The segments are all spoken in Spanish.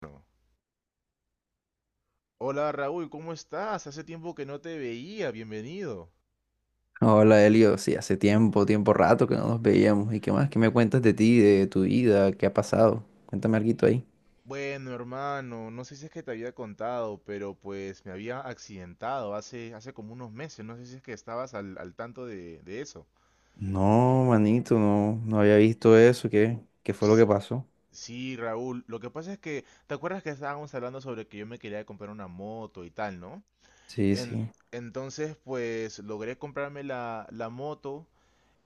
Bueno, hola Raúl, ¿cómo estás? Hace tiempo que no te veía, bienvenido. Hola Elio, sí, hace tiempo, rato que no nos veíamos. ¿Y qué más? ¿Qué me cuentas de ti, de tu vida? ¿Qué ha pasado? Cuéntame algo ahí. Bueno, hermano, no sé si es que te había contado, pero pues me había accidentado hace como unos meses, no sé si es que estabas al tanto de eso. No, manito, no había visto eso. ¿Qué fue lo S- que pasó? Sí, Raúl, lo que pasa es que, ¿te acuerdas que estábamos hablando sobre que yo me quería comprar una moto y tal, ¿no? Sí, En- sí. entonces, pues logré comprarme la moto.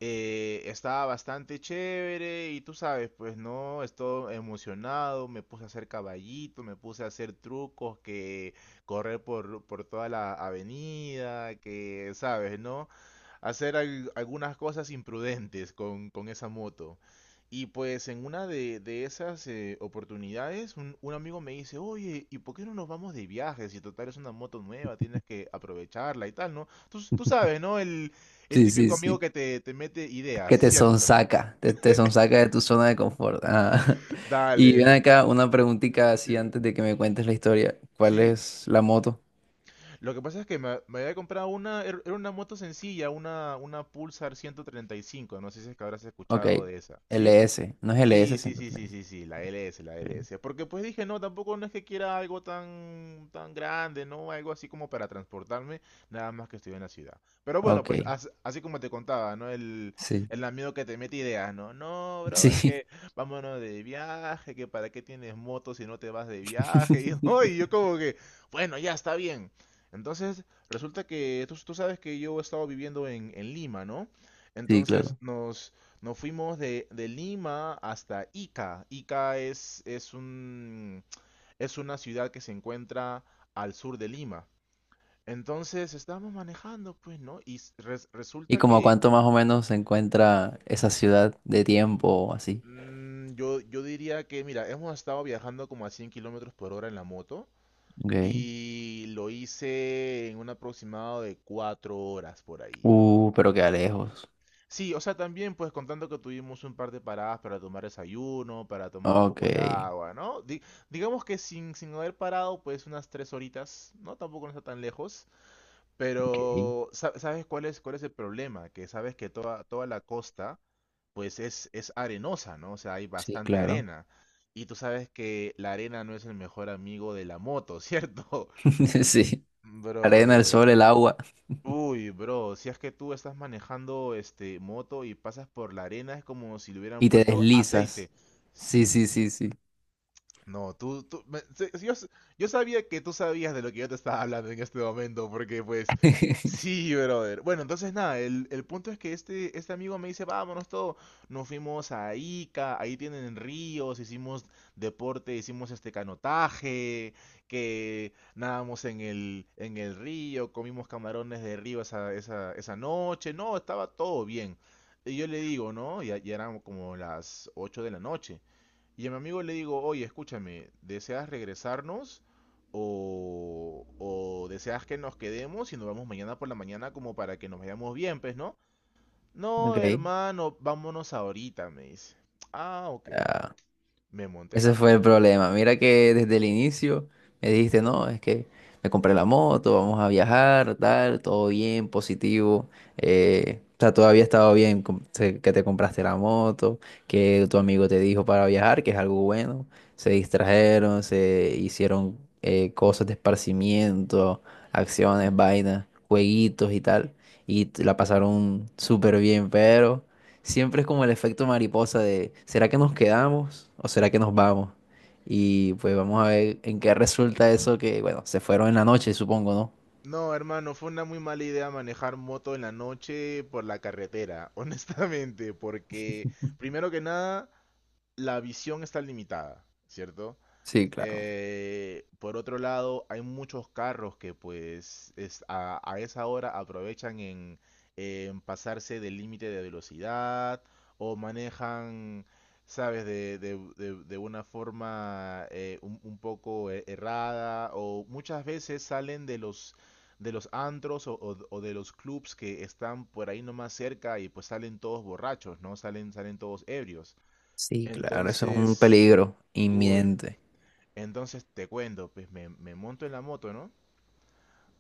Estaba bastante chévere y tú sabes, pues no, estoy emocionado, me puse a hacer caballito, me puse a hacer trucos, que correr por toda la avenida, que sabes, ¿no? Hacer algunas cosas imprudentes con esa moto. Y pues en una de esas oportunidades, un amigo me dice, oye, ¿y por qué no nos vamos de viaje? Si total es una moto nueva, tienes que aprovecharla y tal, ¿no? Tú sabes, ¿no? El Sí, sí, típico amigo sí. que te mete ideas, Que te ¿cierto? sonsaca, te sonsaca de tu zona de confort. Ah. Y ven Dale. acá una preguntita así Dime. antes de que me cuentes la historia. ¿Cuál Sí. es la moto? Lo que pasa es que me había comprado era una moto sencilla, una Pulsar 135, no sé si es que habrás Ok, escuchado de esa, ¿sí? LS. No es Sí, LS, sí, sino sí, sí, LS. sí, sí, la LS, la Ok, LS. Porque pues dije, no, tampoco no es que quiera algo tan grande, ¿no? Algo así como para transportarme, nada más que estoy en la ciudad. Pero bueno, ok, pues así como te contaba, ¿no? El, sí. el amigo que te mete ideas, ¿no? No, brother, Sí. que vámonos de viaje, que para qué tienes moto si no te vas de viaje. Y, no, y yo como que, bueno, ya está bien. Entonces, resulta que tú sabes que yo he estado viviendo en Lima, ¿no? Sí, Entonces claro. nos... Nos fuimos de Lima hasta Ica. Ica es una ciudad que se encuentra al sur de Lima. Entonces estábamos manejando, pues, ¿no? Y ¿Y resulta como a que cuánto más o menos se encuentra esa ciudad de tiempo así? Yo diría que, mira, hemos estado viajando como a 100 kilómetros por hora en la moto Ok. y lo hice en un aproximado de 4 horas por ahí. Pero queda lejos. Sí, o sea, también pues contando que tuvimos un par de paradas para tomar desayuno, para tomar un Ok. poco de agua, ¿no? Digamos que sin haber parado pues unas 3 horitas, ¿no? Tampoco no está tan lejos, Ok. pero ¿sabes cuál es el problema? Que sabes que toda la costa pues es arenosa, ¿no? O sea, hay Sí, bastante claro. arena. Y tú sabes que la arena no es el mejor amigo de la moto, ¿cierto? Sí. Arena, el Bro, sol, el agua. uy, bro, si es que tú estás manejando este moto y pasas por la arena, es como si le hubieran Y te puesto deslizas. aceite. Sí, Sí. sí, sí, sí. No, tú yo sabía que tú sabías de lo que yo te estaba hablando en este momento, porque pues, sí, brother. Bueno, entonces nada, el punto es que este amigo me dice, vámonos todo. Nos fuimos a Ica, ahí tienen ríos, hicimos deporte, hicimos este canotaje, que nadamos en el río, comimos camarones de río esa noche. No, estaba todo bien. Y yo le digo, ¿no? Ya eran como las 8 de la noche. Y a mi amigo le digo, oye, escúchame, ¿deseas regresarnos o deseas que nos quedemos y nos vamos mañana por la mañana como para que nos vayamos bien, pues, ¿no? No, Ok. hermano, vámonos ahorita, me dice. Ah, ok. Ah, Me monté en la ese fue el moto. problema. Mira que desde el inicio me dijiste, no, es que me compré la moto, vamos a viajar, tal, todo bien, positivo. O sea, todavía estaba bien que te compraste la moto, que tu amigo te dijo para viajar, que es algo bueno. Se distrajeron, se hicieron cosas de esparcimiento, acciones, vainas, jueguitos y tal. Y la pasaron súper bien, pero siempre es como el efecto mariposa de, ¿será que nos quedamos o será que nos vamos? Y pues vamos a ver en qué resulta eso que, bueno, se fueron en la noche, supongo, ¿no? No, hermano, fue una muy mala idea manejar moto en la noche por la carretera, honestamente, porque primero que nada, la visión está limitada, ¿cierto? Sí, claro. Por otro lado, hay muchos carros que pues a esa hora aprovechan en pasarse del límite de velocidad o manejan, sabes, de una forma un poco errada o muchas veces salen de los antros o de los clubs que están por ahí nomás cerca y pues salen todos borrachos, ¿no? Salen todos ebrios. Sí, claro, eso es un Entonces, peligro uy. inminente. Entonces te cuento, pues me monto en la moto, ¿no?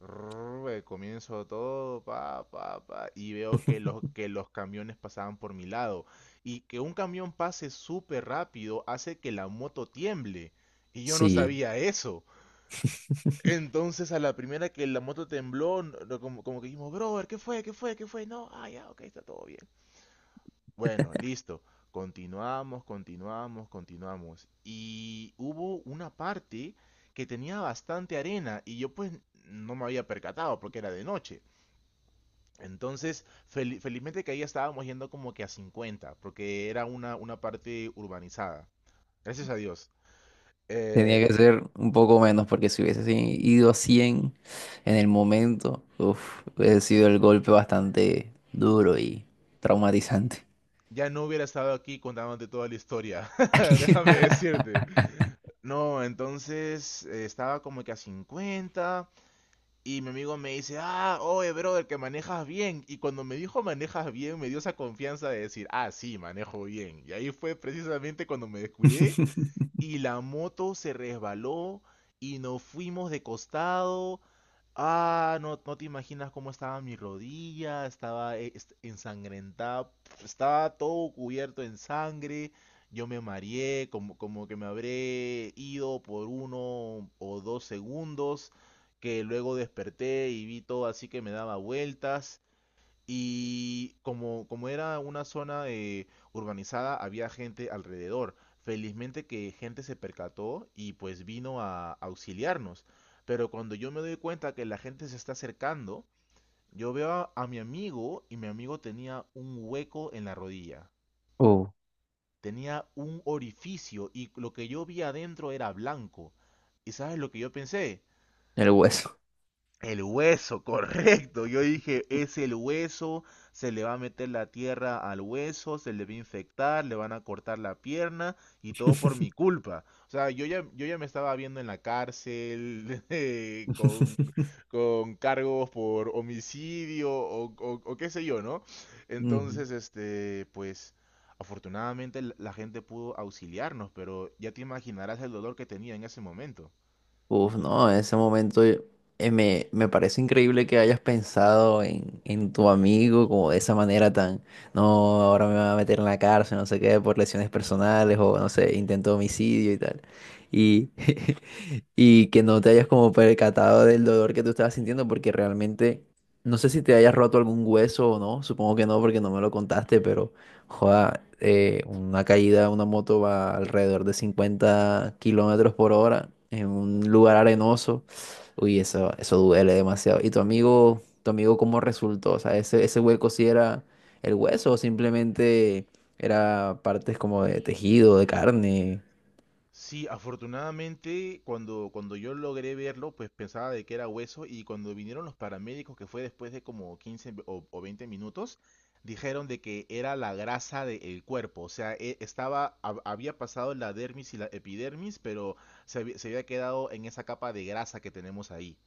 Rrrr, comienzo todo, pa, pa, pa, y veo que los camiones pasaban por mi lado. Y que un camión pase súper rápido hace que la moto tiemble. Y yo no Sí, sabía eso. Entonces a la primera que la moto tembló, no- no, como que dijimos, brother, ¿qué fue? ¿Qué fue? ¿Qué fue? No, ah, ya, ok, está todo bien. Bueno, listo. Continuamos, continuamos, continuamos. Y hubo una parte que tenía bastante arena y yo pues no me había percatado porque era de noche. Entonces, felizmente que ahí estábamos yendo como que a 50, porque era una parte urbanizada. Gracias a Dios. Eh, tenía que ser un poco menos porque si hubiese si- ido a 100 en el momento, uf, hubiese sido el golpe bastante duro y traumatizante. ya no hubiera estado aquí contándote toda la historia, déjame decirte. No, entonces estaba como que a 50. Y mi amigo me dice, ah, oye, brother, que manejas bien. Y cuando me dijo manejas bien, me dio esa confianza de decir, ah, sí, manejo bien. Y ahí fue precisamente cuando me descuidé y la moto se resbaló y nos fuimos de costado. Ah, no, no te imaginas cómo estaba mi rodilla, estaba ensangrentada, estaba todo cubierto en sangre. Yo me mareé, como que me habré ido por 1 o 2 segundos, que luego desperté y vi todo así que me daba vueltas. Y como era una zona urbanizada, había gente alrededor. Felizmente que gente se percató y pues vino a auxiliarnos. Pero cuando yo me doy cuenta que la gente se está acercando, yo veo a mi amigo y mi amigo tenía un hueco en la rodilla. Uh, Tenía un orificio y lo que yo vi adentro era blanco. ¿Y sabes lo que yo pensé? el hueso. El hueso, correcto. Yo dije, es el hueso, se le va a meter la tierra al hueso, se le va a infectar, le van a cortar la pierna y todo por mi culpa. O sea, yo ya me estaba viendo en la cárcel con, con cargos por homicidio o qué sé yo, ¿no? Ujú. Entonces, este, pues, afortunadamente la gente pudo auxiliarnos, pero ya te imaginarás el dolor que tenía en ese momento. Uf, no, en ese momento me parece increíble que hayas pensado en tu amigo como de esa manera tan, no, ahora me va a meter en la cárcel, no sé qué, por lesiones personales o no sé, intento de homicidio y tal. Y y que no te hayas como percatado del dolor que tú estabas sintiendo porque realmente, no sé si te hayas roto algún hueso o no, supongo que no porque no me lo contaste, pero joda, una caída de una moto va alrededor de 50 kilómetros por hora en un lugar arenoso. Uy, eso duele demasiado. ¿Y tu amigo cómo resultó? O sea, ese hueco sí era el hueso o simplemente era partes como de tejido, de carne. Sí, afortunadamente cuando yo logré verlo, pues pensaba de que era hueso y cuando vinieron los paramédicos, que fue después de como 15 o 20 minutos, dijeron de que era la grasa del cuerpo, o sea, estaba, había pasado la dermis y la epidermis, pero se había quedado en esa capa de grasa que tenemos ahí.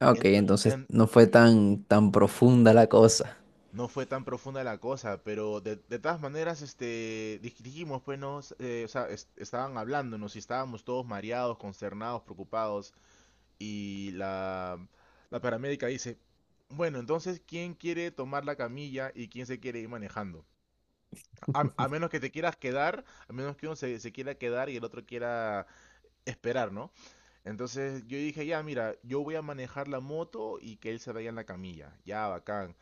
Ah, ok, Ento- entonces en- no fue tan, tan profunda la cosa. no fue tan profunda la cosa, pero de todas maneras, este, dijimos, pues, no, o sea, estaban hablándonos y estábamos todos mareados, consternados, preocupados. Y la paramédica dice, bueno, entonces, ¿quién quiere tomar la camilla y quién se quiere ir manejando? A menos que te quieras quedar, a menos que uno se quiera quedar y el otro quiera esperar, ¿no? Entonces yo dije, ya, mira, yo voy a manejar la moto y que él se vaya en la camilla. Ya, bacán.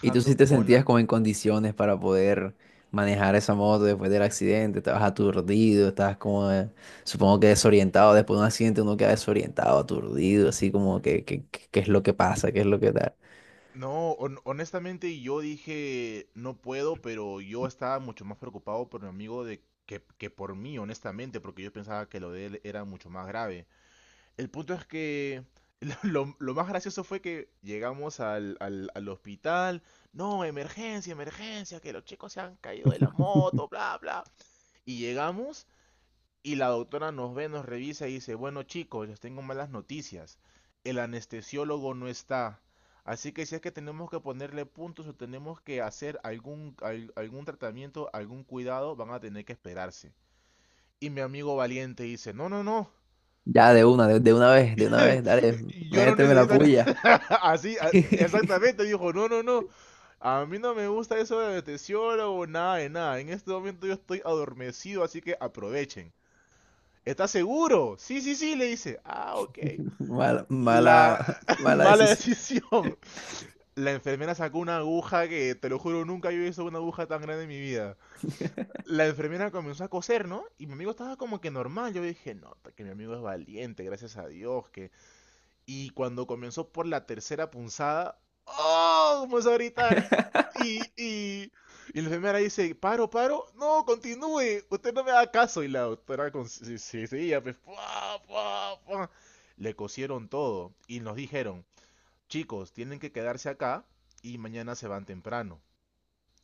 ¿Y tú sí te con sentías la... como en condiciones para poder manejar esa moto después del accidente? ¿Estabas aturdido? ¿Estabas como, supongo que desorientado? Después de un accidente uno queda desorientado, aturdido, así como que, ¿qué es lo que pasa? ¿Qué es lo que tal? No, honestamente yo dije, no puedo, pero yo estaba mucho más preocupado por mi amigo que por mí, honestamente, porque yo pensaba que lo de él era mucho más grave. El punto es que lo más gracioso fue que llegamos al hospital. No, emergencia, emergencia, que los chicos se han caído de la moto, bla, bla. Y llegamos y la doctora nos ve, nos revisa y dice, bueno chicos, les tengo malas noticias. El anestesiólogo no está. Así que si es que tenemos que ponerle puntos o tenemos que hacer algún tratamiento, algún cuidado, van a tener que esperarse. Y mi amigo valiente dice, no, no, no, Ya, de una, de una vez, dale, yo no méteme la necesito puya. así, exactamente, dijo, no, no, no. A mí no me gusta eso de meteoro o nada de nada. En este momento yo estoy adormecido, así que aprovechen. ¿Estás seguro? Sí, sí, sí, le dice. Ah, ok. Mala, La mala, mala mala decisión. decisión. La enfermera sacó una aguja que, te lo juro, nunca había visto una aguja tan grande en mi vida. La enfermera comenzó a coser, ¿no? Y mi amigo estaba como que normal. Yo dije, no, que mi amigo es valiente, gracias a Dios, que y cuando comenzó por la tercera punzada, ¡oh! Comenzó a gritar. Y, y, y la enfermera dice, paro, paro, no, continúe, usted no me da caso. Y la doctora seguía, pues, ¡pua, pua, pua! Le cosieron todo y nos dijeron, chicos, tienen que quedarse acá y mañana se van temprano.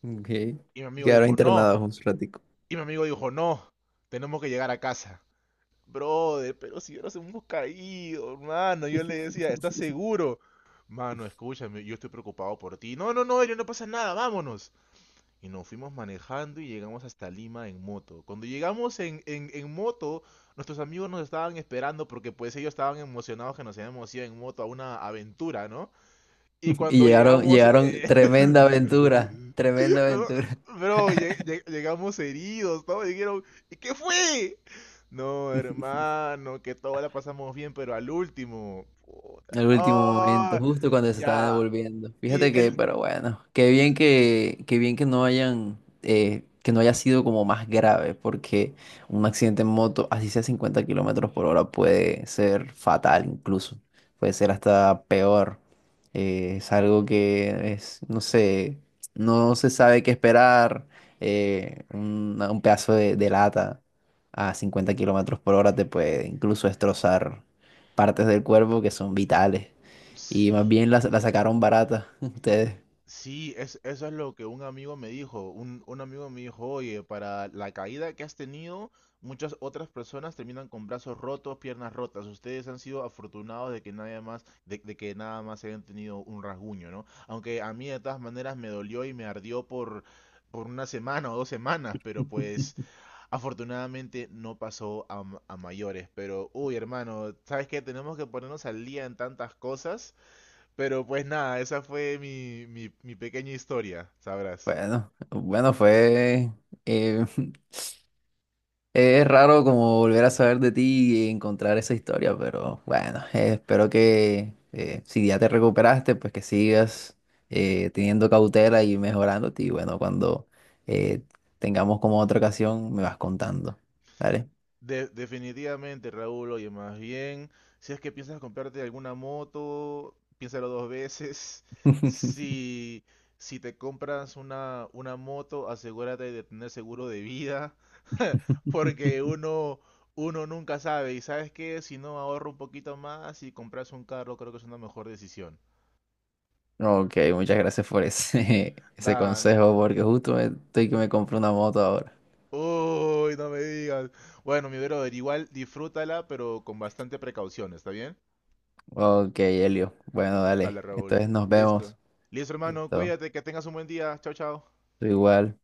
Okay. Y mi amigo Quedaron dijo, no, internados un ratico. y mi amigo dijo, no, tenemos que llegar a casa. Brother, pero si ahora nos hemos caído, hermano. Yo le decía, ¿estás seguro? Mano, escúchame, yo estoy preocupado por ti. No, no, no, Elio, no pasa nada, vámonos. Y nos fuimos manejando y llegamos hasta Lima en moto. Cuando llegamos en moto, nuestros amigos nos estaban esperando porque pues ellos estaban emocionados que nos habíamos ido en moto a una aventura, ¿no? Y Y cuando llegaron, llegamos... llegaron, tremenda aventura, tremenda Pero, aventura. bro, llegamos heridos, todos dijeron, "¿Y qué fue? No, hermano, que toda la pasamos bien, pero al último. Puta. El último momento, Ah, justo cuando se estaban ya. devolviendo. Y Fíjate que, el... pero bueno, qué bien que no hayan, que no haya sido como más grave, porque un accidente en moto, así sea 50 kilómetros por hora, puede ser fatal incluso. Puede ser hasta peor. Es algo que es, no sé, no se sabe qué esperar. Un pedazo de lata a 50 kilómetros por hora te puede incluso destrozar partes del cuerpo que son vitales. Y más Sí. bien la, la sacaron barata ustedes. Sí, eso es lo que un amigo me dijo. Un amigo me dijo, oye, para la caída que has tenido, muchas otras personas terminan con brazos rotos, piernas rotas. Ustedes han sido afortunados de que nadie más, de que nada más hayan tenido un rasguño, ¿no? Aunque a mí de todas maneras me dolió y me ardió por una semana o 2 semanas, pero pues afortunadamente no pasó a mayores. Pero, uy, hermano, ¿sabes qué? Tenemos que ponernos al día en tantas cosas. Pero pues nada, esa fue mi pequeña historia, sabrás. Bueno, bueno, fue... eh, es raro como volver a saber de ti y encontrar esa historia, pero bueno, espero que si ya te recuperaste, pues que sigas teniendo cautela y mejorándote. Y bueno, cuando eh, tengamos como otra ocasión, me vas contando. ¿Vale? Definitivamente, Raúl, oye, más bien, si es que piensas comprarte alguna moto, piénsalo dos veces. Si, si te compras una moto, asegúrate de tener seguro de vida, porque uno nunca sabe. Y sabes que si no ahorra un poquito más y compras un carro, creo que es una mejor decisión. Ok, muchas gracias por ese, ese Da, consejo, porque justo estoy que me compro una moto ahora. uy, no me digas. Bueno, mi brother, igual disfrútala, pero con bastante precaución, ¿está bien? Ok, Elio. Bueno, Dale, dale. Raúl. Entonces nos vemos. Listo. Listo, hermano, Listo. cuídate, que tengas un buen día. Chao, chao. Tú igual.